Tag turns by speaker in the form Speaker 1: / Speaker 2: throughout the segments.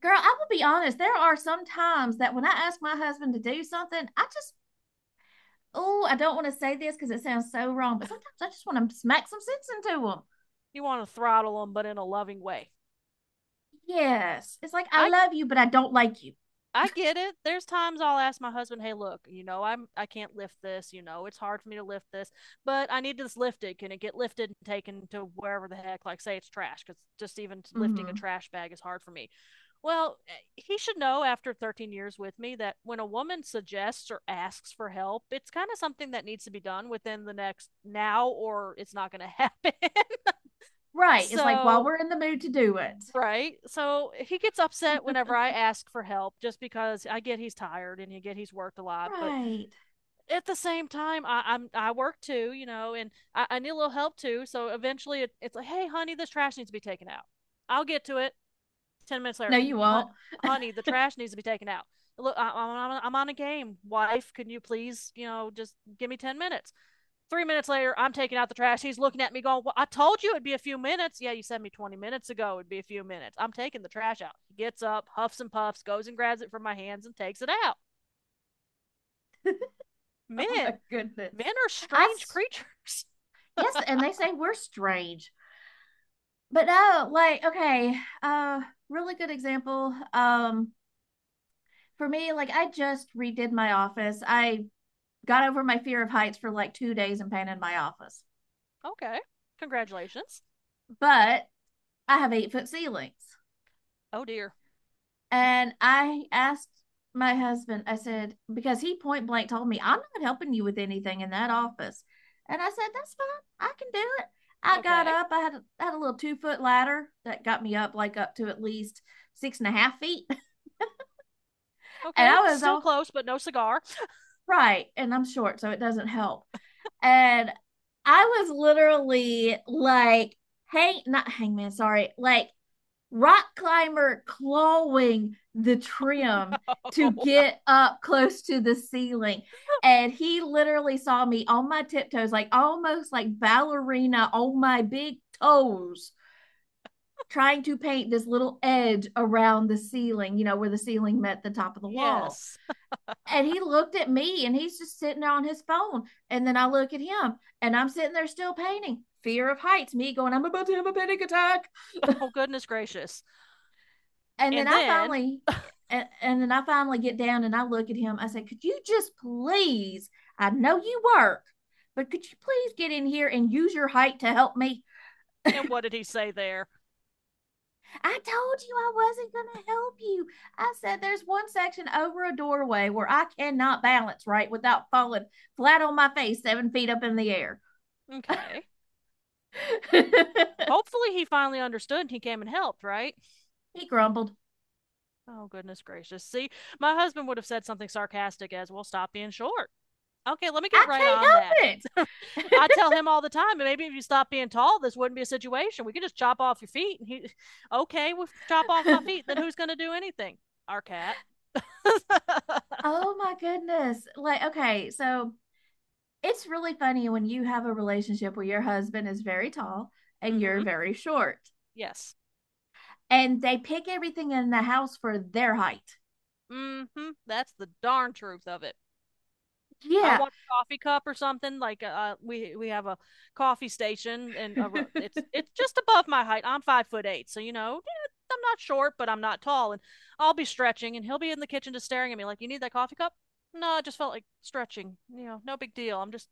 Speaker 1: Girl, I will be honest. There are some times that when I ask my husband to do something, I just, oh, I don't want to say this because it sounds so wrong, but sometimes I just want to smack some sense into him.
Speaker 2: You want to throttle them, but in a loving way.
Speaker 1: Yes. It's like, I
Speaker 2: I
Speaker 1: love you, but I don't like you.
Speaker 2: I get it. There's times I'll ask my husband, "Hey, look, you know, I can't lift this. You know, it's hard for me to lift this, but I need to just lift it. Can it get lifted and taken to wherever the heck? Like, say it's trash, because just even lifting a
Speaker 1: Hmm.
Speaker 2: trash bag is hard for me." Well, he should know after 13 years with me that when a woman suggests or asks for help, it's kind of something that needs to be done within the next now or it's not going to happen.
Speaker 1: Right. It's like, while
Speaker 2: so
Speaker 1: we're in the mood to do it.
Speaker 2: Right. So he gets upset whenever I ask for help just because I get he's tired and you get he's worked a lot. But
Speaker 1: Right.
Speaker 2: at the same time, I work too, you know, and I need a little help too. So eventually it's like, hey, honey, this trash needs to be taken out. I'll get to it. 10 minutes
Speaker 1: No,
Speaker 2: later,
Speaker 1: you
Speaker 2: "Hon-
Speaker 1: won't.
Speaker 2: honey, the trash needs to be taken out. Look, I'm on a game. Wife, can you please, just give me 10 minutes? 3 minutes later, I'm taking out the trash. He's looking at me going, "Well, I told you it'd be a few minutes." Yeah, you said me 20 minutes ago it'd be a few minutes. I'm taking the trash out. He gets up, huffs and puffs, goes and grabs it from my hands and takes it out.
Speaker 1: Oh my
Speaker 2: Men,
Speaker 1: goodness.
Speaker 2: Men are
Speaker 1: I,
Speaker 2: strange
Speaker 1: s-
Speaker 2: creatures.
Speaker 1: yes, and they say we're strange. But no, like, okay, uh, really good example. For me, like I just redid my office. I got over my fear of heights for like 2 days and painted my office.
Speaker 2: Okay. Congratulations.
Speaker 1: But I have 8 foot ceilings.
Speaker 2: Oh dear.
Speaker 1: And I asked my husband, I said, because he point blank told me, I'm not helping you with anything in that office. And I said, that's fine. I can do it. I got
Speaker 2: Okay.
Speaker 1: up. I had, had a little 2 foot ladder that got me up like up to at least 6.5 feet. And
Speaker 2: Okay.
Speaker 1: I was
Speaker 2: Still
Speaker 1: all
Speaker 2: close, but no cigar.
Speaker 1: right. And I'm short, so it doesn't help. And I was literally like, hang, not hangman, sorry, like rock climber clawing the trim to
Speaker 2: Oh,
Speaker 1: get up close to the ceiling. And he literally saw me on my tiptoes, like almost like ballerina on my big toes, trying to paint this little edge around the ceiling, you know, where the ceiling met the top of the wall.
Speaker 2: yes.
Speaker 1: And he looked at me and he's just sitting there on his phone. And then I look at him and I'm sitting there still painting. Fear of heights, me going, I'm about to have a panic attack.
Speaker 2: Oh, goodness gracious.
Speaker 1: and then
Speaker 2: And
Speaker 1: I
Speaker 2: then,
Speaker 1: finally and then I finally get down and I look at him. I say, could you just please? I know you work, but could you please get in here and use your height to help me?
Speaker 2: and what did he say there?
Speaker 1: I told you I wasn't going to help you. I said, there's one section over a doorway where I cannot balance right without falling flat on my face, 7 feet up in the air.
Speaker 2: Okay.
Speaker 1: He
Speaker 2: Hopefully he finally understood and he came and helped, right?
Speaker 1: grumbled,
Speaker 2: Oh, goodness gracious. See, my husband would have said something sarcastic as, well, stop being short. Okay, let me get right
Speaker 1: I
Speaker 2: on that. I
Speaker 1: can't
Speaker 2: tell him all the time, maybe if you stop being tall, this wouldn't be a situation. We could just chop off your feet. And he, okay, we'll chop off my
Speaker 1: help
Speaker 2: feet. Then
Speaker 1: it.
Speaker 2: who's going to do anything? Our cat. Mm
Speaker 1: Oh my goodness. Like, okay, so it's really funny when you have a relationship where your husband is very tall and you're
Speaker 2: hmm.
Speaker 1: very short
Speaker 2: Yes.
Speaker 1: and they pick everything in the house for their height.
Speaker 2: Mm hmm. That's the darn truth of it. I
Speaker 1: Yeah.
Speaker 2: want a coffee cup or something. Like we have a coffee station, and it's just above my height. I'm 5 foot eight, so you know, yeah, I'm not short, but I'm not tall, and I'll be stretching, and he'll be in the kitchen just staring at me like, "You need that coffee cup?" No, I just felt like stretching. You know, no big deal. I'm just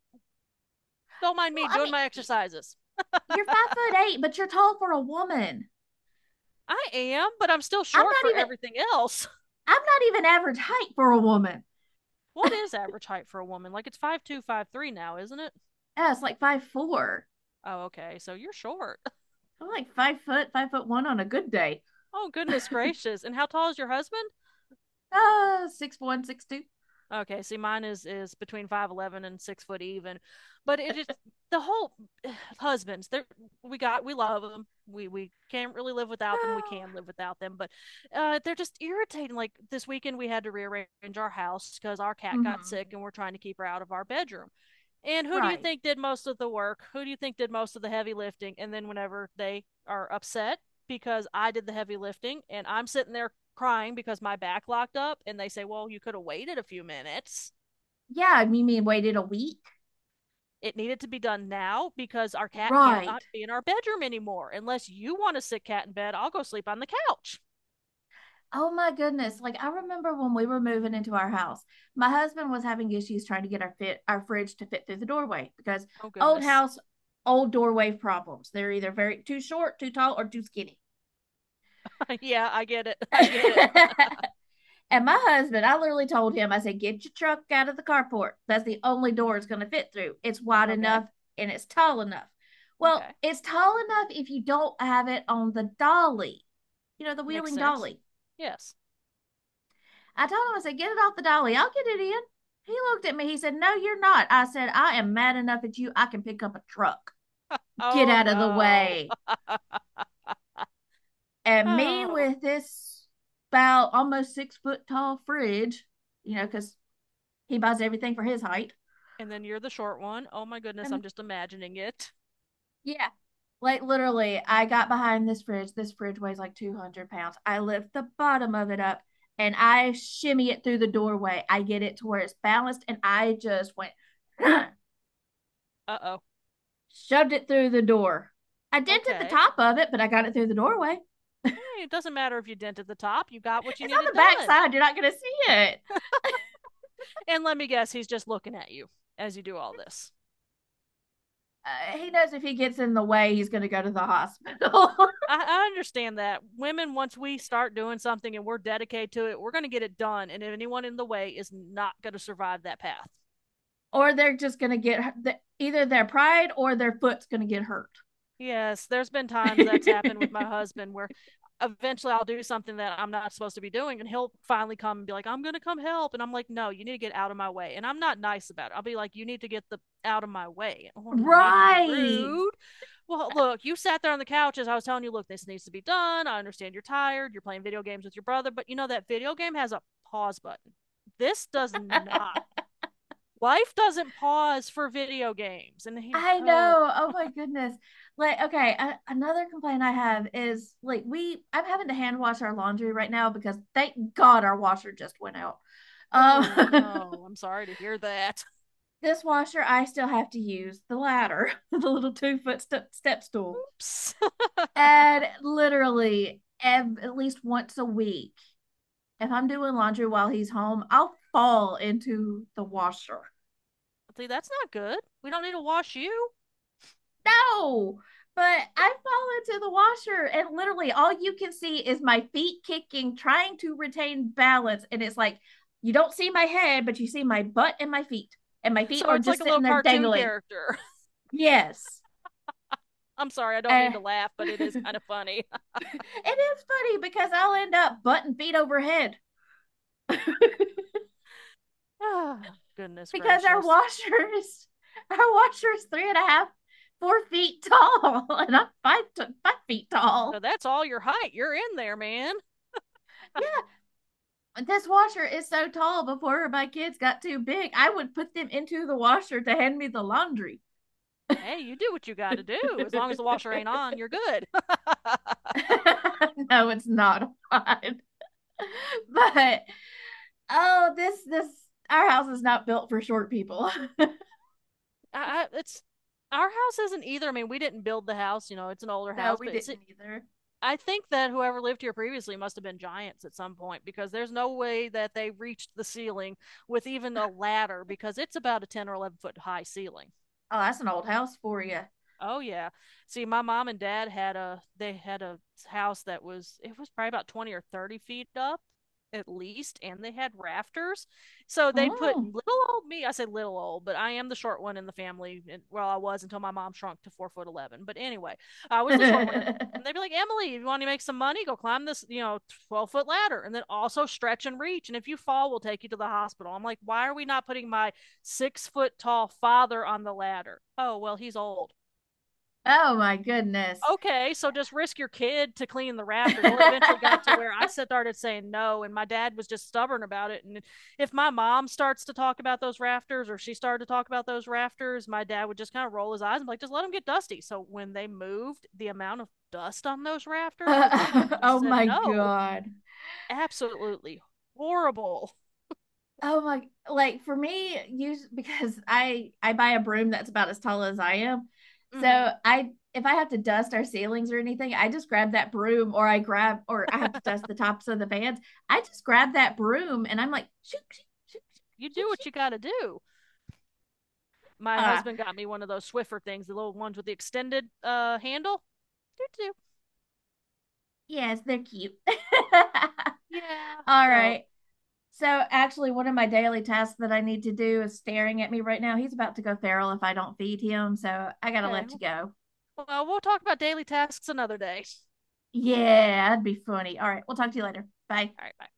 Speaker 2: Don't mind me
Speaker 1: Well, I
Speaker 2: doing my
Speaker 1: mean,
Speaker 2: exercises.
Speaker 1: you're 5'8", but you're tall for a woman.
Speaker 2: I am, but I'm still
Speaker 1: I'm
Speaker 2: short
Speaker 1: not
Speaker 2: for
Speaker 1: even
Speaker 2: everything else.
Speaker 1: I'm not even average height for a woman.
Speaker 2: What is average height for a woman? Like it's 5'2", 5'3" now, isn't it?
Speaker 1: Yeah, it's like 5'4".
Speaker 2: Oh, okay. So you're short.
Speaker 1: I'm like five foot, 5'1" on a good day.
Speaker 2: Oh, goodness gracious. And how tall is your husband?
Speaker 1: 6'1", 6'2".
Speaker 2: Okay, see, mine is between 5'11" and 6 foot even, but it is the whole husbands. They're we love them. We can't really live without them. We
Speaker 1: Oh.
Speaker 2: can live without them, but they're just irritating. Like this weekend, we had to rearrange our house because our cat got
Speaker 1: Mm-hmm.
Speaker 2: sick, and we're trying to keep her out of our bedroom. And who do you
Speaker 1: Right.
Speaker 2: think did most of the work? Who do you think did most of the heavy lifting? And then whenever they are upset because I did the heavy lifting and I'm sitting there crying because my back locked up and they say, "Well, you could have waited a few minutes."
Speaker 1: Yeah, you mean waited a week?
Speaker 2: It needed to be done now because our cat
Speaker 1: Right.
Speaker 2: cannot be in our bedroom anymore. Unless you want to sit cat in bed, I'll go sleep on the couch.
Speaker 1: Oh my goodness. Like I remember when we were moving into our house, my husband was having issues trying to get our fit our fridge to fit through the doorway because
Speaker 2: Oh
Speaker 1: old
Speaker 2: goodness.
Speaker 1: house, old doorway problems. They're either very too short, too tall, or too skinny.
Speaker 2: Yeah, I get it. I
Speaker 1: And
Speaker 2: get it.
Speaker 1: my husband, I literally told him, I said, get your truck out of the carport. That's the only door it's gonna fit through. It's wide
Speaker 2: Okay.
Speaker 1: enough and it's tall enough. Well,
Speaker 2: Okay.
Speaker 1: it's tall enough if you don't have it on the dolly, you know, the
Speaker 2: Makes
Speaker 1: wheeling
Speaker 2: sense.
Speaker 1: dolly.
Speaker 2: Yes.
Speaker 1: I told him, I said, get it off the dolly. I'll get it in. He looked at me. He said, no, you're not. I said, I am mad enough at you. I can pick up a truck. Get
Speaker 2: Oh
Speaker 1: out of the
Speaker 2: no.
Speaker 1: way. And me
Speaker 2: Oh.
Speaker 1: with this about almost 6 foot tall fridge, you know, because he buys everything for his height.
Speaker 2: And then you're the short one. Oh my goodness,
Speaker 1: And,
Speaker 2: I'm just imagining it.
Speaker 1: yeah, like literally, I got behind this fridge. This fridge weighs like 200 pounds. I lift the bottom of it up and I shimmy it through the doorway. I get it to where it's balanced and I just went
Speaker 2: Uh oh.
Speaker 1: shoved it through the door. I dented the
Speaker 2: Okay.
Speaker 1: top of it, but I got it through the doorway.
Speaker 2: Hey, it doesn't matter if you dent at the top, you got what you
Speaker 1: It's on the
Speaker 2: needed
Speaker 1: back
Speaker 2: done.
Speaker 1: side. You're not going to see it.
Speaker 2: And let me guess, he's just looking at you as you do all this.
Speaker 1: He knows if he gets in the way, he's going to go to the hospital,
Speaker 2: I understand that women, once we start doing something and we're dedicated to it, we're going to get it done. And anyone in the way is not going to survive that path.
Speaker 1: or they're just going to either their pride or their foot's going to get hurt.
Speaker 2: Yes, there's been times that's happened with my husband where eventually I'll do something that I'm not supposed to be doing, and he'll finally come and be like, I'm going to come help. And I'm like, no, you need to get out of my way. And I'm not nice about it. I'll be like, you need to get the out of my way. Oh, no need to be
Speaker 1: Right.
Speaker 2: rude. Well, look, you sat there on the couch as I was telling you, look, this needs to be done. I understand you're tired. You're playing video games with your brother, but you know that video game has a pause button. This does not. Life doesn't pause for video games. And he,
Speaker 1: I
Speaker 2: oh,
Speaker 1: know. Oh my goodness. Like, okay, another complaint I have is like we I'm having to hand wash our laundry right now because thank God our washer just went out. Um
Speaker 2: oh no, I'm sorry to hear that.
Speaker 1: This washer, I still have to use the ladder, the little 2 foot step stool.
Speaker 2: Oops.
Speaker 1: And literally, at least once a week, if I'm doing laundry while he's home, I'll fall into the washer.
Speaker 2: See, that's not good. We don't need to wash you.
Speaker 1: No, but I fall into the washer, and literally all you can see is my feet kicking, trying to retain balance. And it's like you don't see my head, but you see my butt and my feet
Speaker 2: So
Speaker 1: are
Speaker 2: it's like
Speaker 1: just
Speaker 2: a
Speaker 1: sitting
Speaker 2: little
Speaker 1: there
Speaker 2: cartoon
Speaker 1: dangling.
Speaker 2: character.
Speaker 1: Yes.
Speaker 2: I'm sorry, I don't
Speaker 1: Uh,
Speaker 2: mean to laugh, but it is kind of funny.
Speaker 1: it is funny because I'll end up butt and feet overhead
Speaker 2: Ah, goodness
Speaker 1: because our
Speaker 2: gracious.
Speaker 1: washers, our washer's 3.5, 4 feet tall, and I'm five to, 5 feet
Speaker 2: So
Speaker 1: tall.
Speaker 2: that's all your height. You're in there, man.
Speaker 1: Yeah, this washer is so tall. Before my kids got too big, I would put them into the washer to hand me the laundry.
Speaker 2: Hey, you do what you got to do.
Speaker 1: No,
Speaker 2: As long as the washer ain't on, you're good. I,
Speaker 1: it's not odd, but oh, this our house is not built for short people.
Speaker 2: it's our house isn't either. I mean, we didn't build the house, you know, it's an older
Speaker 1: No,
Speaker 2: house,
Speaker 1: we
Speaker 2: but it's
Speaker 1: didn't either.
Speaker 2: I think that whoever lived here previously must have been giants at some point because there's no way that they reached the ceiling with even a ladder because it's about a 10 or 11-foot high ceiling.
Speaker 1: Oh, that's an old house for you.
Speaker 2: Oh yeah. See, my mom and dad had a they had a house that was it was probably about 20 or 30 feet up at least and they had rafters. So they'd put
Speaker 1: Mm.
Speaker 2: little old me, I say little old, but I am the short one in the family and well I was until my mom shrunk to 4 foot 11. But anyway, I was the short one at the, and they'd be like, "Emily, if you want to make some money, go climb this, you know, 12-foot ladder and then also stretch and reach and if you fall, we'll take you to the hospital." I'm like, "Why are we not putting my 6-foot tall father on the ladder?" Oh, well, he's old,
Speaker 1: Oh my goodness.
Speaker 2: okay, so just risk your kid to clean the rafters. Well, it eventually got to where I started saying no, and my dad was just stubborn about it. And if my mom starts to talk about those rafters or she started to talk about those rafters, my dad would just kind of roll his eyes and be like, just let them get dusty. So when they moved, the amount of dust on those rafters, because my mom just
Speaker 1: Oh
Speaker 2: said
Speaker 1: my
Speaker 2: no,
Speaker 1: God.
Speaker 2: absolutely horrible.
Speaker 1: Oh my, like for me, use because I buy a broom that's about as tall as I am.
Speaker 2: Mm-hmm.
Speaker 1: So I if I have to dust our ceilings or anything, I just grab that broom or I have to dust the tops of the fans. I just grab that broom and I'm like, shoot, shoot, shoot,
Speaker 2: You
Speaker 1: shoot,
Speaker 2: do
Speaker 1: shoot, shoot.
Speaker 2: what you got to do. My
Speaker 1: Ah,
Speaker 2: husband got me one of those Swiffer things, the little ones with the extended handle. Doo-doo.
Speaker 1: yes, they're cute.
Speaker 2: Yeah.
Speaker 1: All
Speaker 2: So
Speaker 1: right. So actually, one of my daily tasks that I need to do is staring at me right now. He's about to go feral if I don't feed him, so I gotta
Speaker 2: okay.
Speaker 1: let you go.
Speaker 2: Well, we'll talk about daily tasks another day.
Speaker 1: Yeah, that'd be funny. All right, we'll talk to you later. Bye.
Speaker 2: All right, bye.